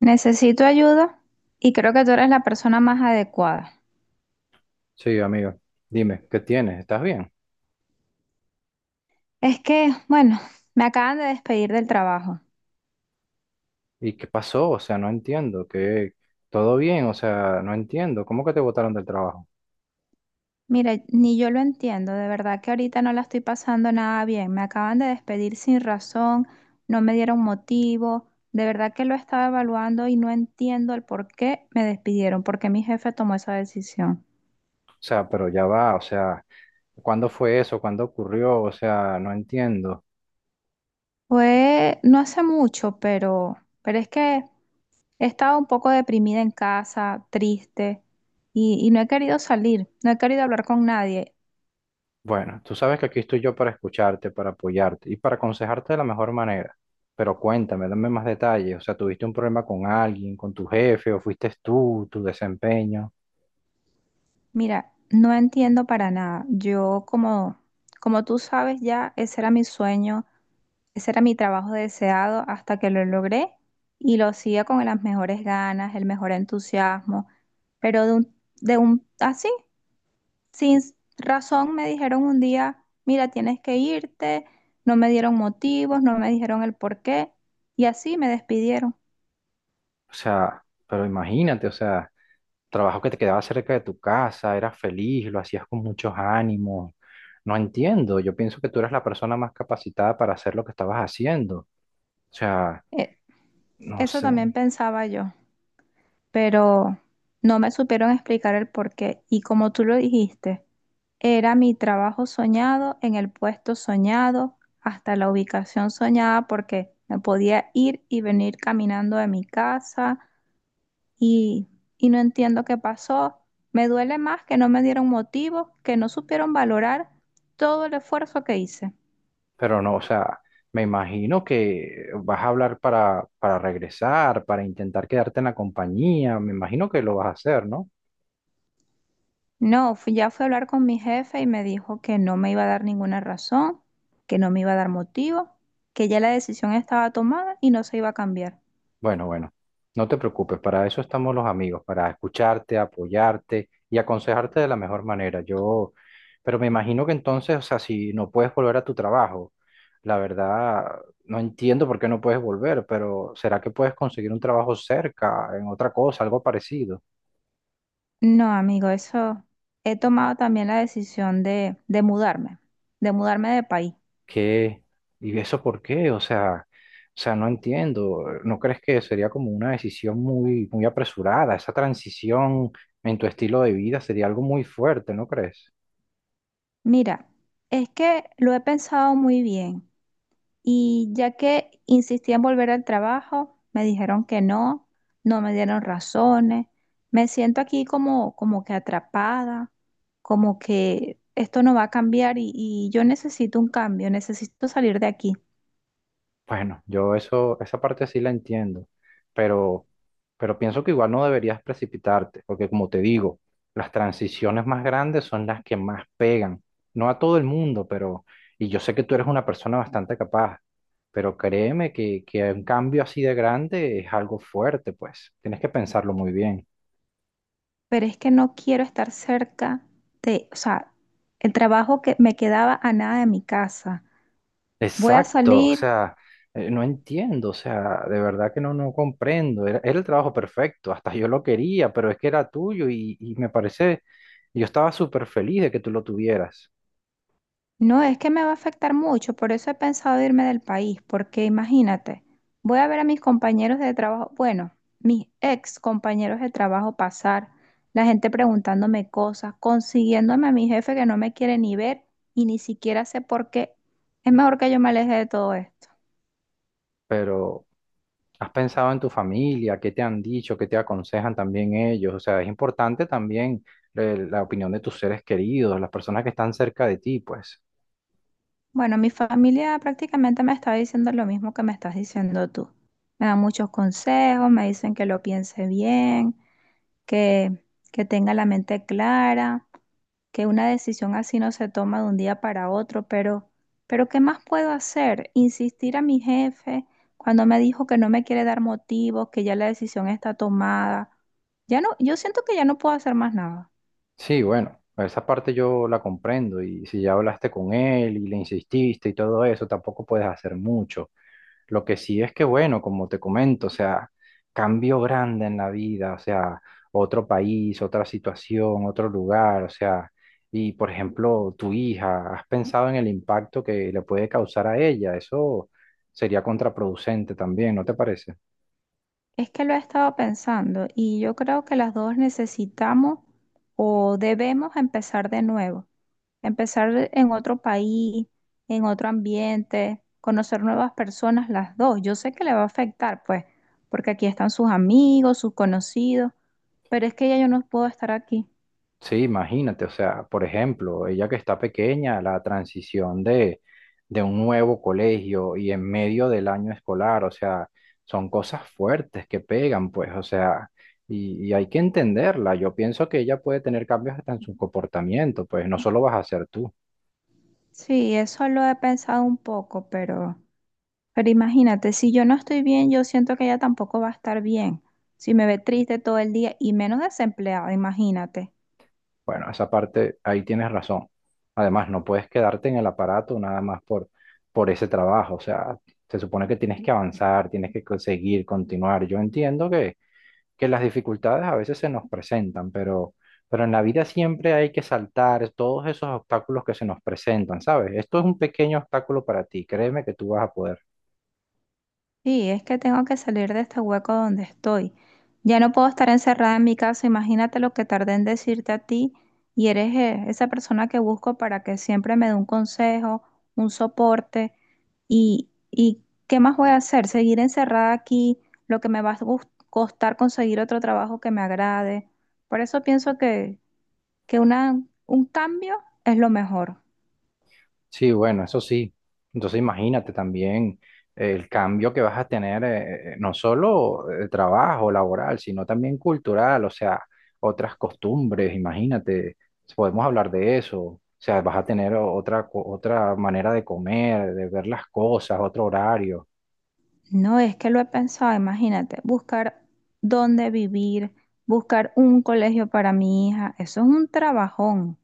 Necesito ayuda y creo que tú eres la persona más adecuada. Sí, amigo, dime, ¿qué tienes? ¿Estás bien? Es que, bueno, me acaban de despedir del trabajo. ¿Y qué pasó? O sea, no entiendo. ¿Qué todo bien, o sea, no entiendo, ¿cómo que te botaron del trabajo? Mira, ni yo lo entiendo, de verdad que ahorita no la estoy pasando nada bien. Me acaban de despedir sin razón, no me dieron motivo. De verdad que lo estaba evaluando y no entiendo el por qué me despidieron, por qué mi jefe tomó esa decisión. O sea, pero ya va, o sea, ¿cuándo fue eso? ¿Cuándo ocurrió? O sea, no entiendo. Fue no hace mucho, pero es que he estado un poco deprimida en casa, triste, y no he querido salir, no he querido hablar con nadie. Bueno, tú sabes que aquí estoy yo para escucharte, para apoyarte y para aconsejarte de la mejor manera. Pero cuéntame, dame más detalles, o sea, ¿tuviste un problema con alguien, con tu jefe, o fuiste tú, tu desempeño? Mira, no entiendo para nada. Yo, como, como tú sabes ya, ese era mi sueño, ese era mi trabajo deseado hasta que lo logré y lo hacía con las mejores ganas, el mejor entusiasmo, pero así, sin razón me dijeron un día, mira, tienes que irte, no me dieron motivos, no me dijeron el por qué, y así me despidieron. O sea, pero imagínate, o sea, trabajo que te quedaba cerca de tu casa, eras feliz, lo hacías con muchos ánimos. No entiendo, yo pienso que tú eras la persona más capacitada para hacer lo que estabas haciendo. O sea, E- no Eso sé, también pensaba yo, pero no me supieron explicar el por qué. Y como tú lo dijiste, era mi trabajo soñado, en el puesto soñado, hasta la ubicación soñada, porque me podía ir y venir caminando de mi casa y, y no entiendo qué pasó. Me duele más que no me dieron motivo, que no supieron valorar todo el esfuerzo que hice. pero no, o sea, me imagino que vas a hablar para regresar, para intentar quedarte en la compañía, me imagino que lo vas a hacer, ¿no? No, ya fui a hablar con mi jefe y me dijo que no me iba a dar ninguna razón, que no me iba a dar motivo, que ya la decisión estaba tomada y no se iba a cambiar. Bueno, bueno, no te preocupes, para eso estamos los amigos, para escucharte, apoyarte y aconsejarte de la mejor manera. Yo, pero me imagino que entonces, o sea, si no puedes volver a tu trabajo, la verdad, no entiendo por qué no puedes volver, pero ¿será que puedes conseguir un trabajo cerca, en otra cosa, algo parecido? No, amigo, eso he tomado también la decisión de mudarme, de mudarme de país. ¿Qué? ¿Y eso por qué? O sea, no entiendo. ¿No crees que sería como una decisión muy, muy apresurada? Esa transición en tu estilo de vida sería algo muy fuerte, ¿no crees? Mira, es que lo he pensado muy bien. Y ya que insistí en volver al trabajo, me dijeron que no, no me dieron razones. Me siento aquí como, como que atrapada, como que esto no va a cambiar y yo necesito un cambio, necesito salir de aquí. Bueno, yo eso, esa parte sí la entiendo, pero, pero pienso que igual no deberías precipitarte, porque como te digo, las transiciones más grandes son las que más pegan. No a todo el mundo, pero, y yo sé que tú eres una persona bastante capaz, pero créeme que un cambio así de grande es algo fuerte, pues. Tienes que pensarlo muy bien. Pero es que no quiero estar cerca de, o sea, el trabajo que me quedaba a nada de mi casa. Voy a Exacto, o salir. sea, no entiendo, o sea, de verdad que no, no comprendo. Era el trabajo perfecto, hasta yo lo quería, pero es que era tuyo y me parece, yo estaba súper feliz de que tú lo tuvieras, No, es que me va a afectar mucho, por eso he pensado irme del país, porque imagínate, voy a ver a mis compañeros de trabajo, bueno, mis ex compañeros de trabajo pasar, la gente preguntándome cosas, consiguiéndome a mi jefe que no me quiere ni ver y ni siquiera sé por qué. Es mejor que yo me aleje de todo esto. pero has pensado en tu familia, qué te han dicho, qué te aconsejan también ellos, o sea, es importante también la opinión de tus seres queridos, las personas que están cerca de ti, pues. Bueno, mi familia prácticamente me está diciendo lo mismo que me estás diciendo tú. Me dan muchos consejos, me dicen que lo piense bien, que, que tenga la mente clara, que una decisión así no se toma de un día para otro, pero ¿qué más puedo hacer? Insistir a mi jefe cuando me dijo que no me quiere dar motivos, que ya la decisión está tomada. Ya no, yo siento que ya no puedo hacer más nada. Sí, bueno, esa parte yo la comprendo y si ya hablaste con él y le insististe y todo eso, tampoco puedes hacer mucho. Lo que sí es que, bueno, como te comento, o sea, cambio grande en la vida, o sea, otro país, otra situación, otro lugar, o sea, y por ejemplo, tu hija, ¿has pensado en el impacto que le puede causar a ella? Eso sería contraproducente también, ¿no te parece? Es que lo he estado pensando y yo creo que las dos necesitamos o debemos empezar de nuevo, empezar en otro país, en otro ambiente, conocer nuevas personas las dos. Yo sé que le va a afectar, pues, porque aquí están sus amigos, sus conocidos, pero es que ya yo no puedo estar aquí. Sí, imagínate, o sea, por ejemplo, ella que está pequeña, la transición de un nuevo colegio y en medio del año escolar, o sea, son cosas fuertes que pegan, pues, o sea, y hay que entenderla. Yo pienso que ella puede tener cambios hasta en su comportamiento, pues, no solo vas a ser tú. Sí, eso lo he pensado un poco, pero imagínate, si yo no estoy bien, yo siento que ella tampoco va a estar bien. Si me ve triste todo el día y menos desempleada, imagínate. Bueno, esa parte, ahí tienes razón. Además, no puedes quedarte en el aparato nada más por ese trabajo, o sea, se supone que tienes que avanzar, tienes que seguir, continuar. Yo entiendo que las dificultades a veces se nos presentan, pero en la vida siempre hay que saltar todos esos obstáculos que se nos presentan, ¿sabes? Esto es un pequeño obstáculo para ti, créeme que tú vas a poder. Sí, es que tengo que salir de este hueco donde estoy. Ya no puedo estar encerrada en mi casa. Imagínate lo que tardé en decirte a ti y eres, esa persona que busco para que siempre me dé un consejo, un soporte. Y qué más voy a hacer? Seguir encerrada aquí, lo que me va a costar conseguir otro trabajo que me agrade. Por eso pienso que una, un cambio es lo mejor. Sí, bueno, eso sí. Entonces imagínate también el cambio que vas a tener, no solo de trabajo laboral, sino también cultural, o sea, otras costumbres, imagínate, podemos hablar de eso, o sea, vas a tener otra, otra manera de comer, de ver las cosas, otro horario. No, es que lo he pensado, imagínate, buscar dónde vivir, buscar un colegio para mi hija, eso es un trabajón.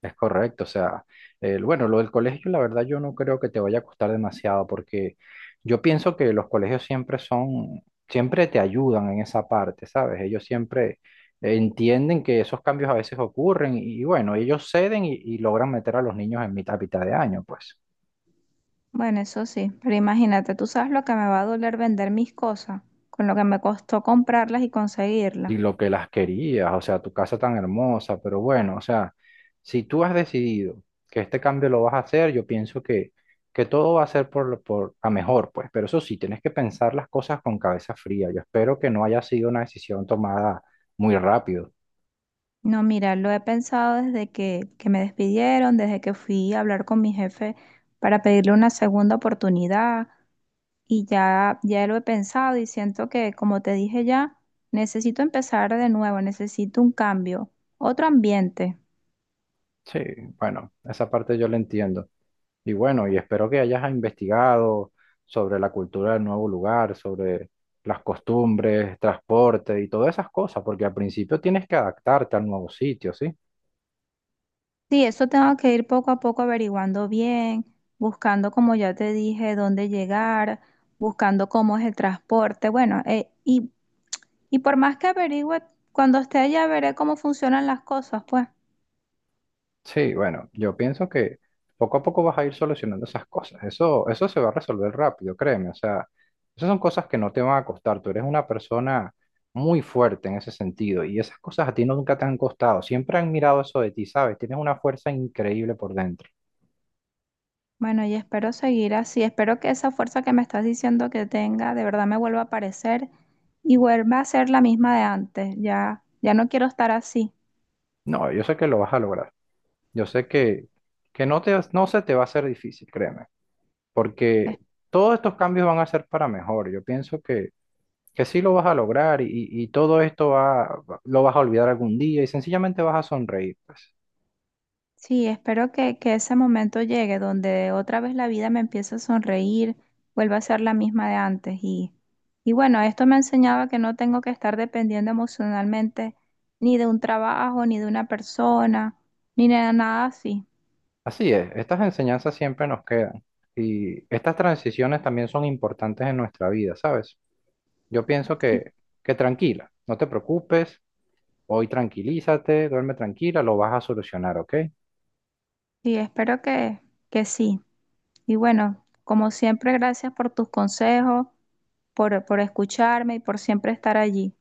Es correcto, o sea, bueno, lo del colegio, la verdad yo no creo que te vaya a costar demasiado porque yo pienso que los colegios siempre son, siempre te ayudan en esa parte, ¿sabes? Ellos siempre entienden que esos cambios a veces ocurren y, bueno, ellos ceden y logran meter a los niños en mitad de año, pues. Bueno, eso sí, pero imagínate, tú sabes lo que me va a doler vender mis cosas, con lo que me costó comprarlas y Y conseguirlas. lo que las querías, o sea, tu casa tan hermosa, pero bueno, o sea, si tú has decidido que este cambio lo vas a hacer, yo pienso que todo va a ser por, por a mejor, pues, pero eso sí, tienes que pensar las cosas con cabeza fría. Yo espero que no haya sido una decisión tomada muy rápido. No, mira, lo he pensado desde que me despidieron, desde que fui a hablar con mi jefe para pedirle una segunda oportunidad, y ya lo he pensado y siento que, como te dije ya, necesito empezar de nuevo, necesito un cambio, otro ambiente. Sí, bueno, esa parte yo la entiendo. Y bueno, y espero que hayas investigado sobre la cultura del nuevo lugar, sobre las costumbres, transporte y todas esas cosas, porque al principio tienes que adaptarte al nuevo sitio, ¿sí? Sí, eso tengo que ir poco a poco averiguando bien, buscando, como ya te dije, dónde llegar, buscando cómo es el transporte. Bueno, y por más que averigüe, cuando esté allá veré cómo funcionan las cosas, pues. Sí, bueno, yo pienso que poco a poco vas a ir solucionando esas cosas. Eso se va a resolver rápido, créeme. O sea, esas son cosas que no te van a costar. Tú eres una persona muy fuerte en ese sentido y esas cosas a ti no, nunca te han costado. Siempre han mirado eso de ti, ¿sabes? Tienes una fuerza increíble por dentro. Bueno, y espero seguir así. Espero que esa fuerza que me estás diciendo que tenga de verdad me vuelva a aparecer y vuelva a ser la misma de antes. Ya no quiero estar así. No, yo sé que lo vas a lograr. Yo sé que no te, no se te va a hacer difícil, créeme, Es- porque todos estos cambios van a ser para mejor. Yo pienso que sí lo vas a lograr y todo esto va, lo vas a olvidar algún día y sencillamente vas a sonreír, pues. Sí, espero que ese momento llegue donde otra vez la vida me empiece a sonreír, vuelva a ser la misma de antes. Y bueno, esto me enseñaba que no tengo que estar dependiendo emocionalmente ni de un trabajo, ni de una persona, ni de nada así. Así es, estas enseñanzas siempre nos quedan y estas transiciones también son importantes en nuestra vida, ¿sabes? Yo pienso Sí, que tranquila, no te preocupes, hoy tranquilízate, duerme tranquila, lo vas a solucionar, ¿ok? sí, espero que sí. Y bueno, como siempre, gracias por tus consejos, por escucharme y por siempre estar allí.